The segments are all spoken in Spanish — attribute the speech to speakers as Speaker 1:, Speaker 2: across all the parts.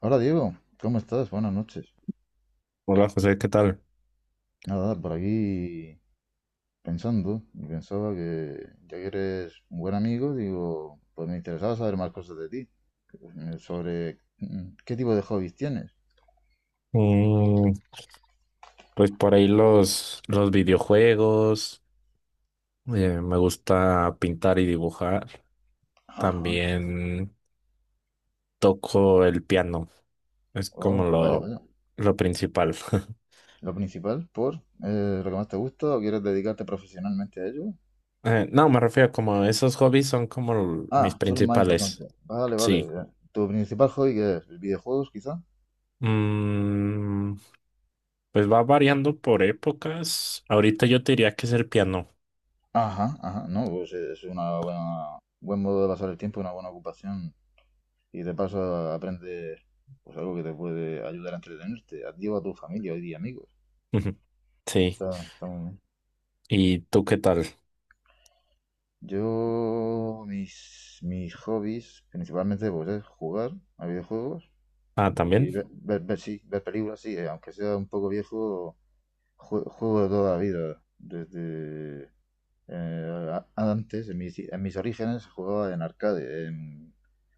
Speaker 1: Hola Diego, ¿cómo estás? Buenas noches.
Speaker 2: Hola José, ¿qué tal?
Speaker 1: Nada, por aquí pensando, y pensaba que ya que eres un buen amigo, digo, pues me interesaba saber más cosas de ti, sobre qué tipo de hobbies tienes.
Speaker 2: Mm, pues por ahí los videojuegos, me gusta pintar y dibujar,
Speaker 1: Ajá,
Speaker 2: también toco el piano, es como
Speaker 1: oh, vaya,
Speaker 2: lo,
Speaker 1: vaya.
Speaker 2: lo principal.
Speaker 1: Lo principal, por lo que más te gusta o quieres dedicarte profesionalmente a ello.
Speaker 2: No, me refiero como esos hobbies son como mis
Speaker 1: Ah, son los más
Speaker 2: principales,
Speaker 1: importantes. Vale, vale.
Speaker 2: sí.
Speaker 1: ¿Tu principal hobby qué es? ¿Videojuegos, quizá?
Speaker 2: Mm, pues va variando por épocas, ahorita yo te diría que es el piano,
Speaker 1: Ajá, ajá, no, pues es un buen modo de pasar el tiempo, una buena ocupación y de paso aprendes pues algo que te puede ayudar a entretenerte, a ti o a tu familia hoy día, amigos.
Speaker 2: sí.
Speaker 1: Está, está muy bien.
Speaker 2: ¿Y tú qué tal?
Speaker 1: Yo, mis hobbies, principalmente, pues es jugar a videojuegos
Speaker 2: Ah,
Speaker 1: y
Speaker 2: también
Speaker 1: sí, ver películas, sí, aunque sea un poco viejo, juego de toda la vida. Desde antes, en mis orígenes, jugaba en arcade, en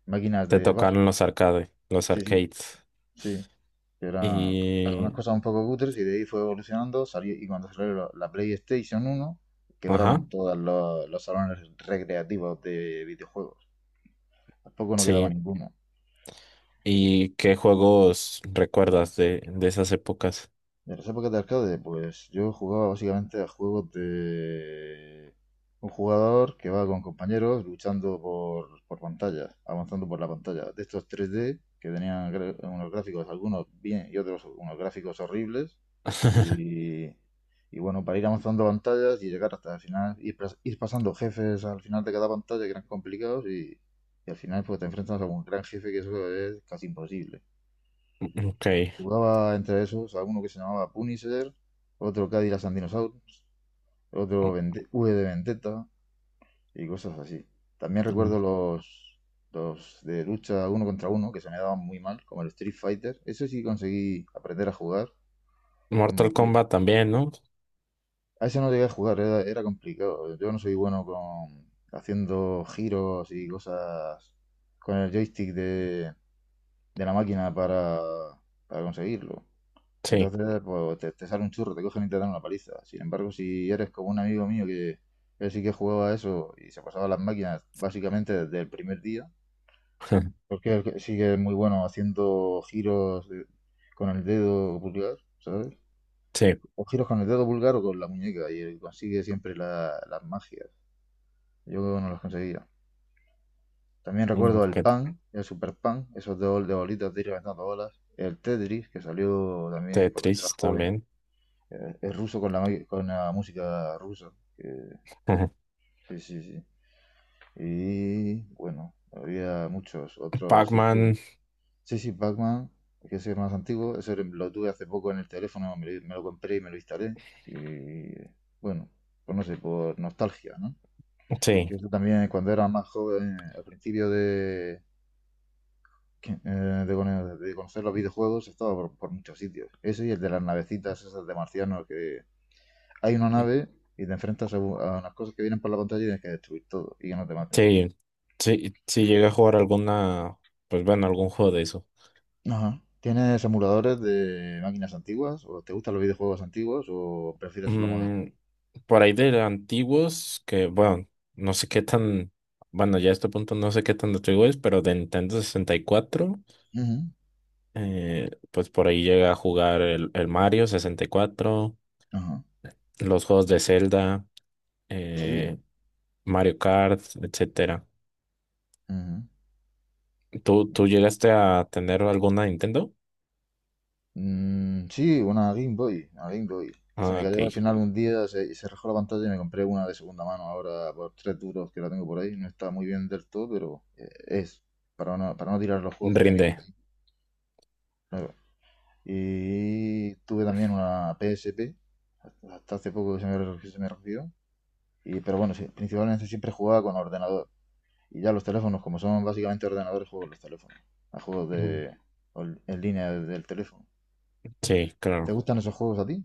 Speaker 1: máquinas
Speaker 2: te
Speaker 1: de bar.
Speaker 2: tocan los arcades, los
Speaker 1: Sí, sí,
Speaker 2: arcades.
Speaker 1: sí, que era
Speaker 2: Y,
Speaker 1: algunas cosas un poco cutres y de ahí fue evolucionando. Salió, y cuando salió la PlayStation 1,
Speaker 2: ajá,
Speaker 1: quebraron todos los salones recreativos de videojuegos. Tampoco no quedaba
Speaker 2: sí.
Speaker 1: ninguno.
Speaker 2: ¿Y qué juegos recuerdas de esas épocas?
Speaker 1: De las épocas de arcade, pues yo jugaba básicamente a juegos de un jugador que va con compañeros luchando por pantallas, avanzando por la pantalla. De estos tres d que tenían unos gráficos, algunos bien y otros unos gráficos horribles. Y, y bueno, para ir avanzando pantallas y llegar hasta el final, ir pasando jefes al final de cada pantalla, que eran complicados, y al final pues te enfrentas a un gran jefe, que eso es casi imposible.
Speaker 2: Ok.
Speaker 1: Jugaba entre esos alguno que se llamaba Punisher, otro Cadillac and Dinosaurs, otro V de Vendetta y cosas así. También
Speaker 2: Mm,
Speaker 1: recuerdo los de lucha uno contra uno, que se me daban muy mal, como el Street Fighter. Eso sí conseguí aprender a jugar.
Speaker 2: Mortal
Speaker 1: Combatir.
Speaker 2: Kombat también, ¿no?
Speaker 1: A ese no llegué a jugar, era complicado. Yo no soy bueno con haciendo giros y cosas con el joystick de la máquina para conseguirlo.
Speaker 2: Sí,
Speaker 1: Entonces, pues te sale un churro, te cogen y te dan una paliza. Sin embargo, si eres como un amigo mío que él sí que jugaba a eso y se pasaba las máquinas básicamente desde el primer día, porque él sí que es muy bueno haciendo giros con el dedo pulgar, ¿sabes?
Speaker 2: sí.
Speaker 1: O giros con el dedo pulgar o con la muñeca, y él consigue siempre las magias. Yo no las conseguía. También
Speaker 2: Mm,
Speaker 1: recuerdo el
Speaker 2: ok,
Speaker 1: pan, el super pan, esos de, de bolitas de ir levantando bolas. El Tetris, que salió también cuando yo era
Speaker 2: Tetris
Speaker 1: joven.
Speaker 2: también.
Speaker 1: Es ruso con con la música rusa. Eh, sí, sí, sí. Y bueno, había muchos otros. Sí,
Speaker 2: Pac-Man,
Speaker 1: sí, sí, Pac-Man, que es el más antiguo. Ese lo tuve hace poco en el teléfono, me lo compré y me lo instalé. Y bueno, pues no sé, por nostalgia, ¿no? Que
Speaker 2: sí.
Speaker 1: eso también cuando era más joven, al principio de conocer los videojuegos, estaba por muchos sitios. Ese y el de las navecitas esas de marcianos que, hay una nave y te enfrentas a unas cosas que vienen por la pantalla y tienes que destruir todo, y que no te maten.
Speaker 2: Sí, sí, sí llegué a jugar alguna, pues bueno, algún juego de eso.
Speaker 1: Ajá. ¿Tienes emuladores de máquinas antiguas? ¿O te gustan los videojuegos antiguos? ¿O prefieres lo moderno?
Speaker 2: Mm, por ahí de antiguos, que bueno, no sé qué tan, bueno, ya a este punto no sé qué tan antiguo es, pero de Nintendo 64.
Speaker 1: Ujú.
Speaker 2: Pues por ahí llegué a jugar el Mario 64,
Speaker 1: Ajá.
Speaker 2: los juegos de Zelda,
Speaker 1: Sí.
Speaker 2: eh, Mario Kart, etcétera.
Speaker 1: Ujú.
Speaker 2: ¿Tú llegaste a tener alguna Nintendo?
Speaker 1: Sí, una Game Boy. Una Game Boy. Que se
Speaker 2: Ah,
Speaker 1: me
Speaker 2: ok.
Speaker 1: cayó al final un día, se rajó la pantalla y me compré una de segunda mano ahora por 3 duros, que la tengo por ahí. No está muy bien del todo, pero es para no tirar los juegos que tenía
Speaker 2: Rinde.
Speaker 1: por ahí. Claro. Y tuve también una PSP hasta hace poco que se me rompió. Y, pero bueno, sí, principalmente siempre jugaba con ordenador. Y ya los teléfonos, como son básicamente ordenadores, juego los teléfonos. A juegos
Speaker 2: Mm.
Speaker 1: de en línea del teléfono.
Speaker 2: Sí,
Speaker 1: ¿Te
Speaker 2: claro.
Speaker 1: gustan esos juegos a ti?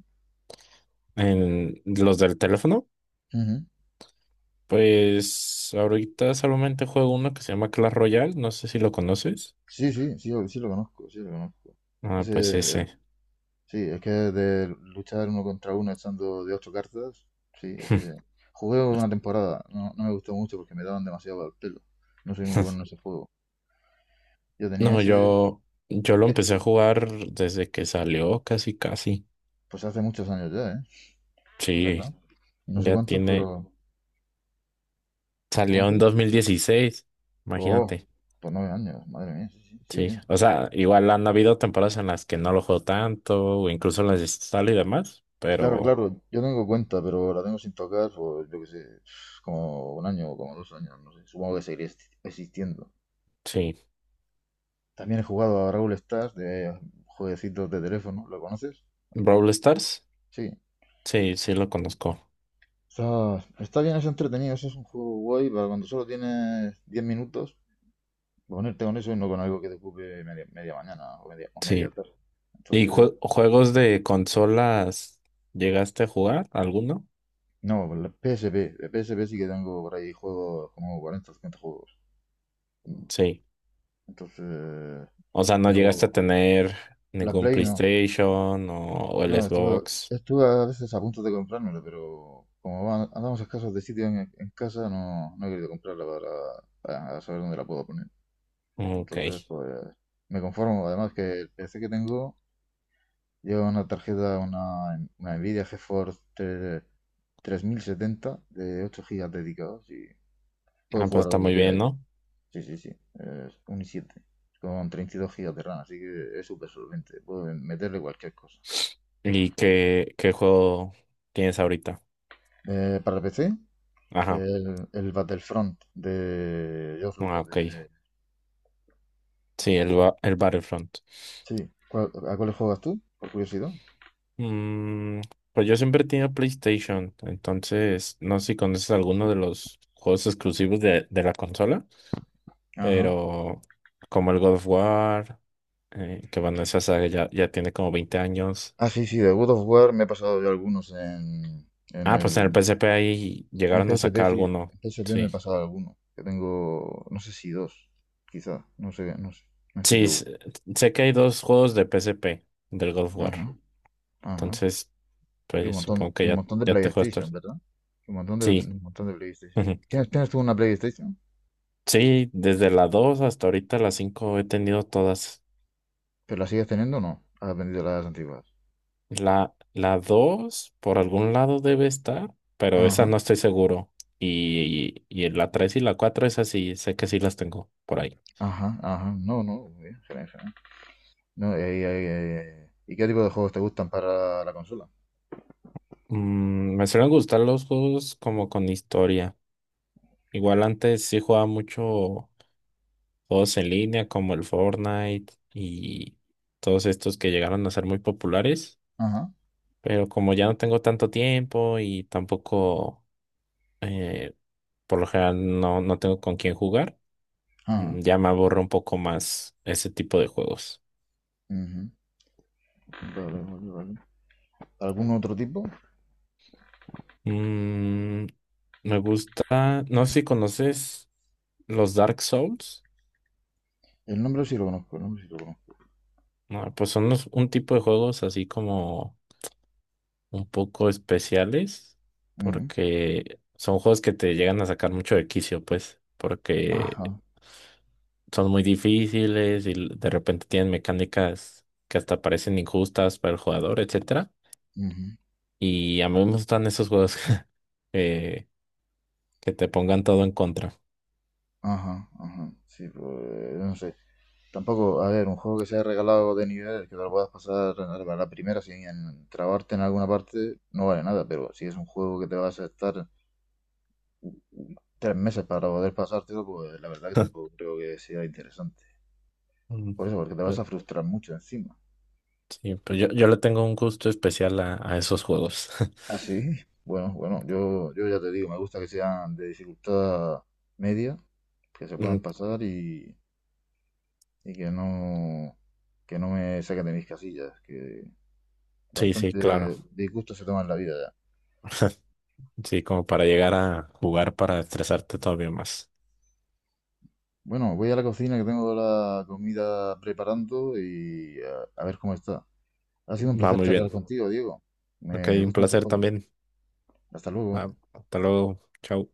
Speaker 2: En los del teléfono,
Speaker 1: Ujú.
Speaker 2: pues ahorita solamente juego uno que se llama Clash Royale, no sé si lo conoces.
Speaker 1: Sí, sí, sí, sí lo conozco, sí lo conozco.
Speaker 2: Ah, pues
Speaker 1: Ese,
Speaker 2: ese.
Speaker 1: sí, es que de luchar uno contra uno echando de ocho cartas, sí, ese. Jugué una temporada, no, no me gustó mucho porque me daban demasiado al pelo. No soy muy bueno en ese juego. Yo tenía
Speaker 2: No,
Speaker 1: ese,
Speaker 2: yo lo
Speaker 1: eh,
Speaker 2: empecé a jugar desde que salió, casi, casi.
Speaker 1: pues hace muchos años ya, ¿eh?
Speaker 2: Sí.
Speaker 1: ¿Verdad? No sé
Speaker 2: Ya
Speaker 1: cuántos,
Speaker 2: tiene,
Speaker 1: pero
Speaker 2: salió en
Speaker 1: ¿cuántos?
Speaker 2: 2016,
Speaker 1: Oh,
Speaker 2: imagínate.
Speaker 1: por 9 años, madre mía, sí, sí, sí
Speaker 2: Sí,
Speaker 1: tienes.
Speaker 2: o sea, igual han habido temporadas en las que no lo juego tanto, o incluso las instalo y demás,
Speaker 1: Claro,
Speaker 2: pero
Speaker 1: claro, yo tengo cuenta, pero la tengo sin tocar por, yo qué sé, como un año o como 2 años, no sé, supongo que seguiré existiendo.
Speaker 2: sí.
Speaker 1: También he jugado a Brawl Stars de jueguecitos de teléfono, ¿lo conoces?
Speaker 2: Brawl Stars,
Speaker 1: Sí.
Speaker 2: sí, sí lo conozco.
Speaker 1: Está, está bien, es entretenido, ese es un juego guay para cuando solo tienes 10 minutos, ponerte con eso y no con algo que te ocupe media, media mañana o
Speaker 2: Sí.
Speaker 1: media tarde.
Speaker 2: ¿Y
Speaker 1: Entonces,
Speaker 2: juegos de consolas llegaste a jugar alguno?
Speaker 1: no, la PSP, la PSP sí que tengo por ahí juegos como 40 o 50 juegos.
Speaker 2: Sí.
Speaker 1: Entonces,
Speaker 2: O sea, no llegaste a
Speaker 1: pero
Speaker 2: tener
Speaker 1: la
Speaker 2: ningún
Speaker 1: Play no.
Speaker 2: PlayStation o el
Speaker 1: No, estuve,
Speaker 2: Xbox.
Speaker 1: estuve a veces a punto de comprármela, pero andamos escasos de sitio en, casa, no, no he querido comprarla para saber dónde la puedo poner.
Speaker 2: Ok.
Speaker 1: Entonces, pues me conformo. Además que el PC que tengo lleva una tarjeta, una Nvidia GeForce 3070 de 8 gigas dedicados, y puedo
Speaker 2: Ah, pues
Speaker 1: jugar a
Speaker 2: está
Speaker 1: lo que
Speaker 2: muy
Speaker 1: quiera
Speaker 2: bien,
Speaker 1: ahí.
Speaker 2: ¿no?
Speaker 1: Sí, sí, sí. Es un i7 con 32 gigas de RAM, así que es súper solvente. Puedo meterle cualquier cosa.
Speaker 2: ¿Y qué juego tienes ahorita?
Speaker 1: Para PC,
Speaker 2: Ajá.
Speaker 1: el Battlefront de George
Speaker 2: Ah,
Speaker 1: Lucas.
Speaker 2: ok. Sí, el Battlefront.
Speaker 1: Sí, ¿a cuáles juegas tú? Por curiosidad.
Speaker 2: Mm, pues yo siempre he tenido PlayStation, entonces no sé si conoces alguno de los juegos exclusivos de la consola,
Speaker 1: Ajá.
Speaker 2: pero como el God of War, que bueno, esa saga ya, tiene como 20 años.
Speaker 1: Ah, sí, sí, de God of War me he pasado yo algunos en
Speaker 2: Ah, pues en el
Speaker 1: el.
Speaker 2: PSP ahí
Speaker 1: En
Speaker 2: llegaron a
Speaker 1: PSP,
Speaker 2: sacar
Speaker 1: sí.
Speaker 2: alguno,
Speaker 1: En PSP me he
Speaker 2: sí.
Speaker 1: pasado algunos. Que tengo, no sé si dos, quizás. No sé, no sé. No estoy
Speaker 2: Sí,
Speaker 1: seguro.
Speaker 2: sé que hay dos juegos de PSP del God of War,
Speaker 1: Ajá. Ajá,
Speaker 2: entonces
Speaker 1: y un
Speaker 2: pues
Speaker 1: montón,
Speaker 2: supongo que
Speaker 1: y un
Speaker 2: ya,
Speaker 1: montón de
Speaker 2: ya te juegas
Speaker 1: PlayStation,
Speaker 2: todos.
Speaker 1: ¿verdad? Y
Speaker 2: Sí.
Speaker 1: un montón de PlayStation. ¿Tienes tú una PlayStation?
Speaker 2: Sí, desde la 2 hasta ahorita la 5 he tenido todas.
Speaker 1: ¿Pero la sigues teniendo o no? ¿Has vendido las antiguas?
Speaker 2: La 2 por algún lado debe estar, pero esa
Speaker 1: Ajá,
Speaker 2: no estoy seguro. Y, en la 3 y la 4 esas sí, sé que sí las tengo por ahí.
Speaker 1: ajá, ajá. No, no, muy bien, genial, genial. No, ¿y qué tipo de juegos te gustan para la consola?
Speaker 2: Me suelen gustar los juegos como con historia. Igual antes sí jugaba mucho juegos en línea como el Fortnite y todos estos que llegaron a ser muy populares,
Speaker 1: Ajá,
Speaker 2: pero como ya no tengo tanto tiempo y tampoco. eh, Por lo general no, no tengo con quién jugar.
Speaker 1: ajá.
Speaker 2: Ya me aborro un poco más ese tipo de juegos.
Speaker 1: Ujú. Vale, vale, vale. ¿Algún otro tipo?
Speaker 2: Mm, me gusta, no sé si conoces los Dark Souls.
Speaker 1: El nombre sí lo conozco, el nombre sí lo conozco.
Speaker 2: No, pues son un tipo de juegos así como un poco especiales
Speaker 1: Ujú.
Speaker 2: porque son juegos que te llegan a sacar mucho de quicio, pues, porque
Speaker 1: Ajá,
Speaker 2: son muy difíciles y de repente tienen mecánicas que hasta parecen injustas para el jugador, etcétera.
Speaker 1: ujú,
Speaker 2: Y a mí me gustan esos juegos eh, que te pongan todo en contra.
Speaker 1: ajá, ajá. Sí, pues, no sé. Tampoco, a ver, un juego que sea regalado de nivel, que te lo puedas pasar a la primera sin trabarte en alguna parte, no vale nada, pero si es un juego que te vas a estar 3 meses para poder pasártelo, pues la verdad que tampoco creo que sea interesante.
Speaker 2: Mm.
Speaker 1: Por eso, porque te vas
Speaker 2: Pues,
Speaker 1: a frustrar mucho encima.
Speaker 2: sí, pues yo le tengo un gusto especial a esos juegos.
Speaker 1: Así, bueno, bueno, yo ya te digo, me gusta que sean de dificultad media, que se puedan
Speaker 2: Mm,
Speaker 1: pasar, y que no me saquen de mis casillas, que
Speaker 2: sí, sí, claro.
Speaker 1: bastante disgusto se toma en la vida.
Speaker 2: Sí, como para llegar a jugar para estresarte todavía más.
Speaker 1: Bueno, voy a la cocina que tengo la comida preparando y a ver cómo está. Ha sido un
Speaker 2: Va
Speaker 1: placer
Speaker 2: muy
Speaker 1: charlar
Speaker 2: bien.
Speaker 1: contigo, Diego.
Speaker 2: Ok,
Speaker 1: Me
Speaker 2: un
Speaker 1: gustan tus
Speaker 2: placer
Speaker 1: hobbies.
Speaker 2: también.
Speaker 1: Hasta luego.
Speaker 2: Ah, hasta luego. Chao.